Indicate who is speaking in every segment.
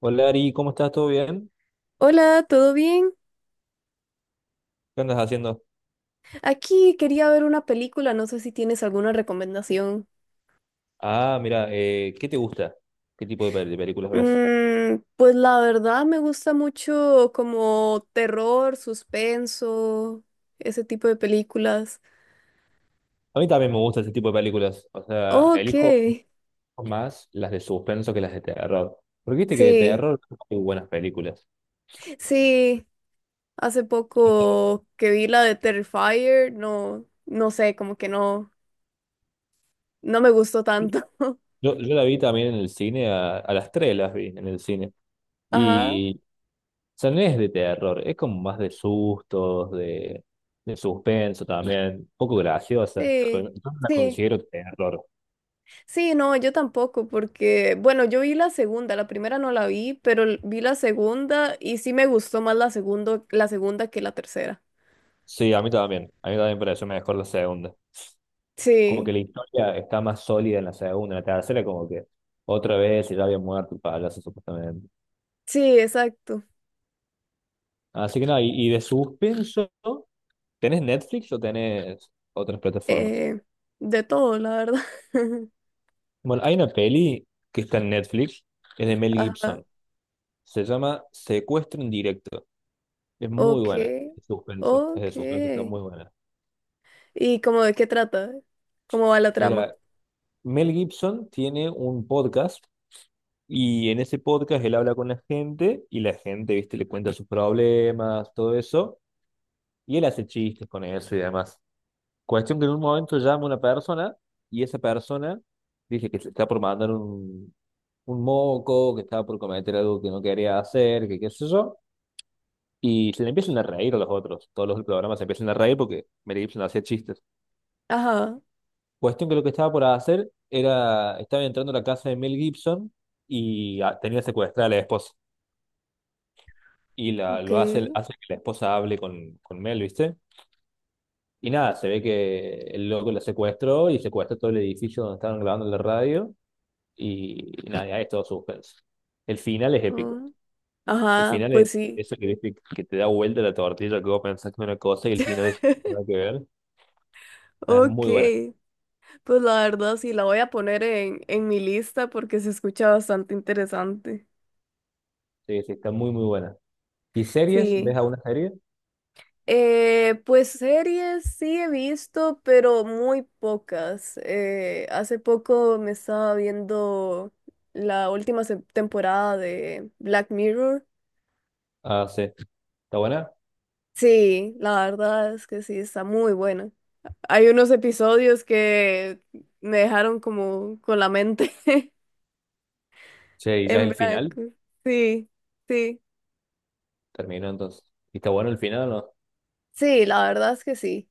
Speaker 1: Hola Ari, ¿cómo estás? ¿Todo bien?
Speaker 2: Hola, ¿todo bien?
Speaker 1: ¿Qué andas haciendo?
Speaker 2: Aquí quería ver una película, no sé si tienes alguna recomendación.
Speaker 1: Ah, mira, ¿qué te gusta? ¿Qué tipo de películas ves?
Speaker 2: Pues la verdad me gusta mucho como terror, suspenso, ese tipo de películas.
Speaker 1: A mí también me gusta ese tipo de películas. O sea,
Speaker 2: Ok,
Speaker 1: elijo más las de suspenso que las de terror. Porque viste que de
Speaker 2: sí,
Speaker 1: terror hay buenas películas.
Speaker 2: sí, hace
Speaker 1: O sea,
Speaker 2: poco que vi la de Terrifier, no, no sé, como que no, no me gustó tanto.
Speaker 1: yo la vi también en el cine, a las tres las vi en el cine.
Speaker 2: Ajá,
Speaker 1: Y, o sea, no es de terror, es como más de sustos, de suspenso también. Un poco graciosa, pero
Speaker 2: sí,
Speaker 1: yo no la
Speaker 2: sí.
Speaker 1: considero terror.
Speaker 2: Sí, no, yo tampoco, porque, bueno, yo vi la segunda, la primera no la vi, pero vi la segunda y sí me gustó más la segunda que la tercera.
Speaker 1: Sí, a mí también. A mí también me pareció mejor la segunda. Como que
Speaker 2: Sí,
Speaker 1: la historia está más sólida en la segunda, en la tercera, como que otra vez y ya había muerto el payaso supuestamente.
Speaker 2: sí, exacto.
Speaker 1: Así que nada, y de suspenso, ¿tenés Netflix o tenés otras plataformas?
Speaker 2: Eh, de todo, la verdad.
Speaker 1: Bueno, hay una peli que está en Netflix, es de Mel
Speaker 2: Ajá,
Speaker 1: Gibson, se llama Secuestro en directo, es muy
Speaker 2: ok,
Speaker 1: buena, es
Speaker 2: ok.
Speaker 1: de suspenso, está muy buena.
Speaker 2: ¿Y cómo de qué trata? ¿Cómo va la trama?
Speaker 1: Mira, Mel Gibson tiene un podcast. Y en ese podcast él habla con la gente y la gente, viste, le cuenta sus problemas, todo eso. Y él hace chistes con eso y demás. Cuestión que en un momento llama una persona y esa persona dice que se está por mandar un moco, que estaba por cometer algo que no quería hacer, que qué sé yo. Y se le empiezan a reír a los otros. Todos los del programa se empiezan a reír porque Mel Gibson hacía chistes.
Speaker 2: Ajá,
Speaker 1: Cuestión que lo que estaba por hacer era, estaba entrando a la casa de Mel Gibson y ah, tenía secuestrada a la esposa. Y la,
Speaker 2: ok.
Speaker 1: lo hace, hace que la esposa hable con Mel, ¿viste? Y nada, se ve que el loco la secuestró y secuestró todo el edificio donde estaban grabando la radio. Y nada, ya es todo suspenso. El final es épico.
Speaker 2: Ah,
Speaker 1: El
Speaker 2: ajá,
Speaker 1: final es
Speaker 2: pues sí.
Speaker 1: eso que, viste que te da vuelta la tortilla, que vos pensás que es una cosa y el final es nada que ver. Nada, es
Speaker 2: Ok.
Speaker 1: muy buena.
Speaker 2: Pues la verdad sí, la voy a poner en mi lista porque se escucha bastante interesante.
Speaker 1: Sí, sí, está muy, muy buena. ¿Y series? ¿Ves
Speaker 2: Sí.
Speaker 1: alguna serie?
Speaker 2: Pues series sí he visto, pero muy pocas. Hace poco me estaba viendo la última temporada de Black Mirror.
Speaker 1: Ah, sí. ¿Está buena?
Speaker 2: Sí, la verdad es que sí, está muy buena. Hay unos episodios que me dejaron como con la mente
Speaker 1: Che, y ya es
Speaker 2: en
Speaker 1: el final.
Speaker 2: blanco. Sí, sí.
Speaker 1: Terminó entonces. ¿Y está bueno el final o no?
Speaker 2: Sí, la verdad es que sí.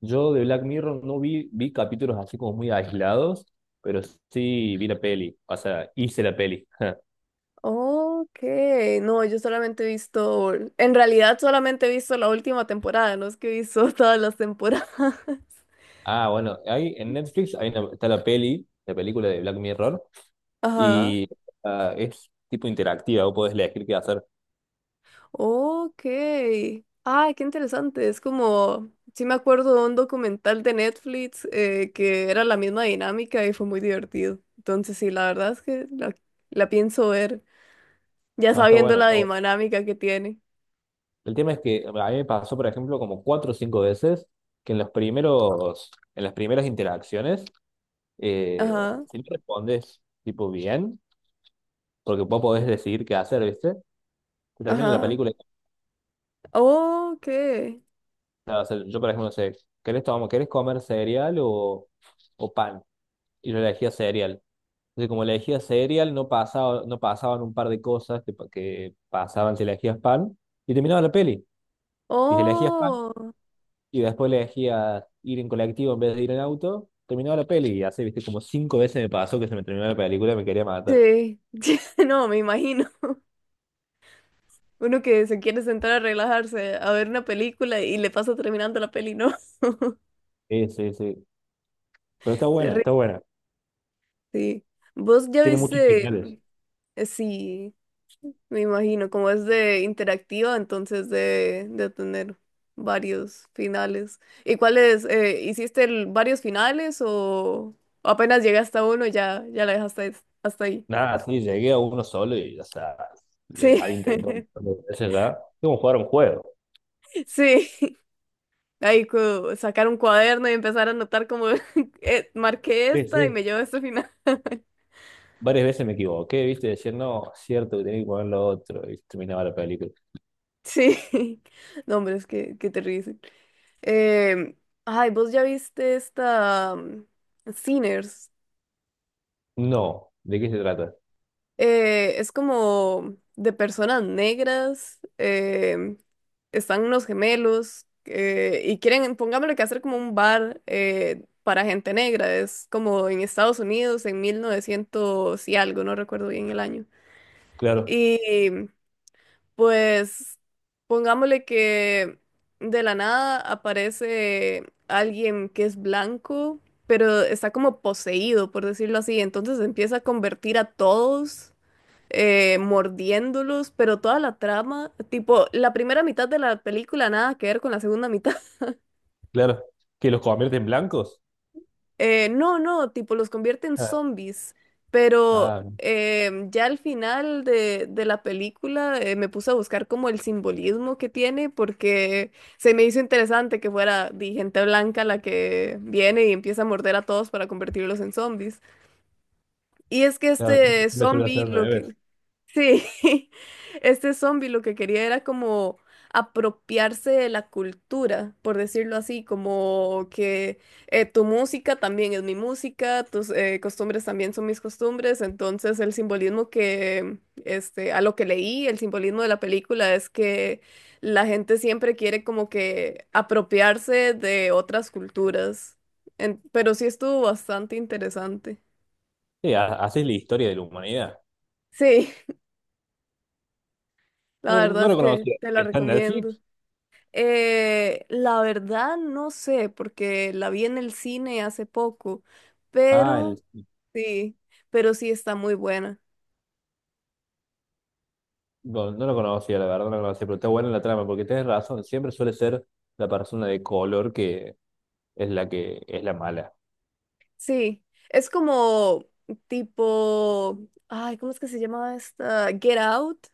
Speaker 1: Yo de Black Mirror no vi, vi capítulos así como muy aislados, pero sí vi la peli, o sea, hice la peli.
Speaker 2: Ok, no, yo solamente he visto, en realidad solamente he visto la última temporada, no es que he visto todas las temporadas.
Speaker 1: Ah, bueno, hay en Netflix hay está la peli, la película de Black Mirror,
Speaker 2: Ajá,
Speaker 1: y ah, es tipo interactiva, vos podés elegir qué hacer.
Speaker 2: ok. Ay, qué interesante, es como, sí me acuerdo de un documental de Netflix que era la misma dinámica y fue muy divertido. Entonces sí, la verdad es que la pienso ver, ya
Speaker 1: No, está
Speaker 2: sabiendo
Speaker 1: bueno,
Speaker 2: la
Speaker 1: está bueno.
Speaker 2: dinámica que tiene.
Speaker 1: El tema es que a mí me pasó, por ejemplo, como cuatro o cinco veces que en los primeros, en las primeras interacciones,
Speaker 2: Ajá,
Speaker 1: si no respondes tipo bien, porque vos podés decidir qué hacer, ¿viste? Te termina la
Speaker 2: ajá.
Speaker 1: película
Speaker 2: Ok.
Speaker 1: nada, o sea, yo por ejemplo, no sé, ¿querés comer cereal o pan? Y yo elegía cereal. Entonces, como elegía cereal, no pasaba, no pasaban un par de cosas que, que pasaban si elegías pan, y terminaba la peli. Y si elegías pan,
Speaker 2: Oh.
Speaker 1: y después elegías ir en colectivo en vez de ir en auto, terminaba la peli. Y así, viste, como cinco veces me pasó que se me terminó la película y me quería matar.
Speaker 2: Sí, no, me imagino. Uno que se quiere sentar a relajarse, a ver una película y le pasa terminando la peli, ¿no?
Speaker 1: Sí, sí, sí. Pero está buena, está
Speaker 2: Terrible,
Speaker 1: buena.
Speaker 2: sí. ¿Vos ya
Speaker 1: Tiene muchos
Speaker 2: viste?
Speaker 1: finales.
Speaker 2: Sí, me imagino, como es de interactiva, entonces de tener varios finales. ¿Y cuáles? ¿Hiciste varios finales o apenas llegaste a uno y ya, ya la dejaste hasta ahí?
Speaker 1: Nada, sí, llegué a uno solo y, o sea, le
Speaker 2: Sí,
Speaker 1: había intentado un par de veces ya. Es como jugar un juego.
Speaker 2: sí. Ahí sacar un cuaderno y empezar a anotar como marqué
Speaker 1: Sí,
Speaker 2: esta y
Speaker 1: sí.
Speaker 2: me llevo a este final.
Speaker 1: Varias veces me equivoqué, ¿viste? Decía, no, cierto que tenía que poner lo otro y terminaba la película.
Speaker 2: Sí, no, hombre, es que terrible. Eh, Ay, vos ya viste esta Sinners.
Speaker 1: No, ¿de qué se trata?
Speaker 2: Es como de personas negras. Están unos gemelos y quieren, pongámosle que hacer como un bar para gente negra. Es como en Estados Unidos en 1900 y algo, no recuerdo bien el año.
Speaker 1: Claro,
Speaker 2: Y pues pongámosle que de la nada aparece alguien que es blanco, pero está como poseído, por decirlo así. Entonces empieza a convertir a todos, mordiéndolos, pero toda la trama, tipo, la primera mitad de la película nada que ver con la segunda mitad.
Speaker 1: claro. ¿Que los convierte en blancos?
Speaker 2: No, no, tipo los convierte en
Speaker 1: Ah,
Speaker 2: zombies, pero
Speaker 1: ah,
Speaker 2: ya al final de la película me puse a buscar como el simbolismo que tiene porque se me hizo interesante que fuera gente blanca la que viene y empieza a morder a todos para convertirlos en zombies. Y es que
Speaker 1: claro,
Speaker 2: este
Speaker 1: me suele hacer
Speaker 2: zombie
Speaker 1: al
Speaker 2: lo
Speaker 1: revés.
Speaker 2: que, sí, este zombie lo que quería era como apropiarse de la cultura, por decirlo así, como que tu música también es mi música, tus costumbres también son mis costumbres, entonces el simbolismo que, este, a lo que leí, el simbolismo de la película es que la gente siempre quiere como que apropiarse de otras culturas. En- pero sí estuvo bastante interesante.
Speaker 1: Sí, así la historia de la humanidad.
Speaker 2: Sí, la
Speaker 1: No,
Speaker 2: verdad
Speaker 1: no
Speaker 2: es
Speaker 1: lo
Speaker 2: que
Speaker 1: conocía.
Speaker 2: te la
Speaker 1: ¿Está en
Speaker 2: recomiendo.
Speaker 1: Netflix?
Speaker 2: La verdad no sé, porque la vi en el cine hace poco,
Speaker 1: Ah, en-
Speaker 2: pero sí, pero sí está muy buena.
Speaker 1: no, no lo conocía, la verdad, no lo conocía, pero está buena la trama, porque tienes razón, siempre suele ser la persona de color que es la mala.
Speaker 2: Sí, es como tipo, ay, ¿cómo es que se llama esta? Get Out,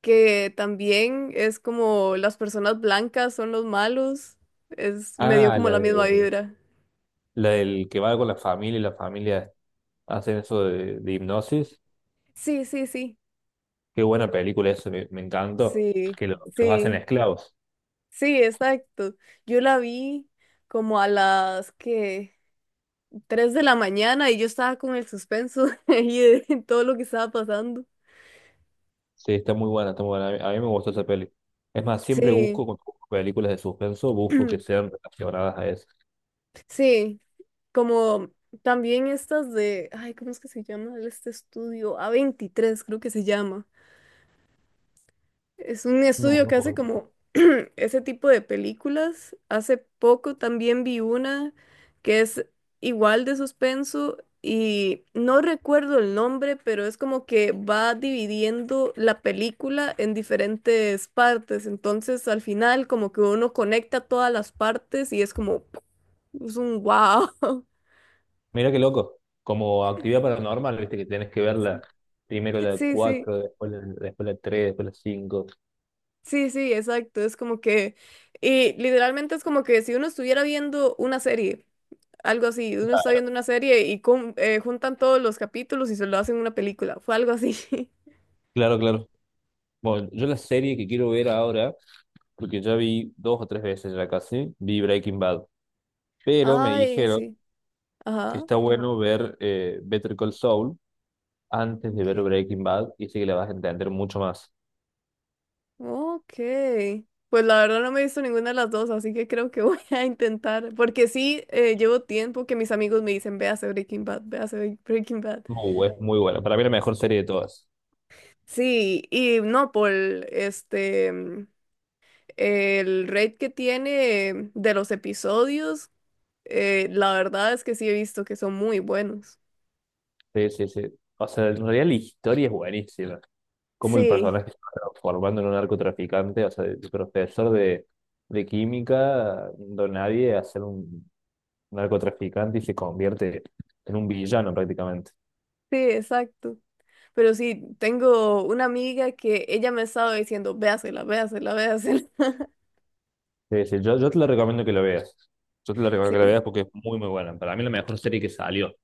Speaker 2: que también es como las personas blancas son los malos, es me dio
Speaker 1: Ah,
Speaker 2: como
Speaker 1: la
Speaker 2: la misma
Speaker 1: de
Speaker 2: vibra.
Speaker 1: la del que va con la familia y la familia hacen eso de hipnosis.
Speaker 2: Sí, sí, sí,
Speaker 1: Qué buena película eso, me encantó.
Speaker 2: sí,
Speaker 1: Que los hacen
Speaker 2: sí,
Speaker 1: esclavos.
Speaker 2: sí, exacto. Yo la vi como a las que... 3 de la mañana y yo estaba con el suspenso ahí de todo lo que estaba pasando.
Speaker 1: Sí, está muy buena, está muy buena. A mí me gustó esa peli. Es más, siempre busco,
Speaker 2: Sí,
Speaker 1: cuando busco películas de suspenso, busco que sean relacionadas a eso.
Speaker 2: sí, como también estas de, ay, ¿cómo es que se llama este estudio? A24 creo que se llama. Es un
Speaker 1: No,
Speaker 2: estudio
Speaker 1: no
Speaker 2: que hace
Speaker 1: puedo.
Speaker 2: como ese tipo de películas. Hace poco también vi una que es igual de suspenso y no recuerdo el nombre, pero es como que va dividiendo la película en diferentes partes. Entonces al final como que uno conecta todas las partes y es como es un wow.
Speaker 1: Mira qué loco. Como actividad paranormal, viste que tenés que verla. Primero la
Speaker 2: Sí, sí.
Speaker 1: 4 después la tres, después la cinco.
Speaker 2: Sí, sí, exacto. Es como que, y literalmente es como que si uno estuviera viendo una serie, algo así, uno está viendo una serie y juntan todos los capítulos y se lo hacen una película. Fue algo así.
Speaker 1: Claro, claro. Bueno, yo la serie que quiero ver ahora, porque ya vi dos o tres veces ya casi, vi Breaking Bad, pero me
Speaker 2: Ay,
Speaker 1: dijeron
Speaker 2: sí.
Speaker 1: que
Speaker 2: Ajá.
Speaker 1: está bueno ver Better Call Saul antes de ver
Speaker 2: Okay.
Speaker 1: Breaking Bad y sí que la vas a entender mucho más.
Speaker 2: Ok. Pues la verdad no me he visto ninguna de las dos, así que creo que voy a intentar. Porque sí, llevo tiempo que mis amigos me dicen, véase Breaking Bad, véase Breaking Bad.
Speaker 1: Muy, es muy bueno. Para mí la mejor serie de todas.
Speaker 2: Sí, y no por este. El rate que tiene de los episodios, la verdad es que sí he visto que son muy buenos.
Speaker 1: Sí, sí, sí. O sea, en realidad la historia es buenísima. Cómo el
Speaker 2: Sí,
Speaker 1: personaje se va transformando en un narcotraficante, o sea, de profesor de química, don nadie, a ser un narcotraficante y se convierte en un villano prácticamente.
Speaker 2: sí, exacto. Pero sí, tengo una amiga que ella me estaba diciendo, véasela, véasela, véasela.
Speaker 1: Sí, sí, yo te lo recomiendo que lo veas. Yo te lo recomiendo que lo
Speaker 2: Sí,
Speaker 1: veas porque es muy, muy buena. Para mí la mejor serie que salió.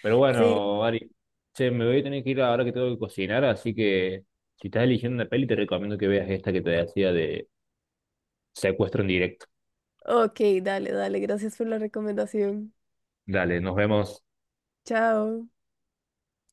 Speaker 1: Pero
Speaker 2: sí.
Speaker 1: bueno, Ari, che, me voy a tener que ir ahora que tengo que cocinar, así que si estás eligiendo una peli, te recomiendo que veas esta que te decía de Secuestro en directo.
Speaker 2: Ok, dale, dale. Gracias por la recomendación.
Speaker 1: Dale, nos vemos.
Speaker 2: Chao.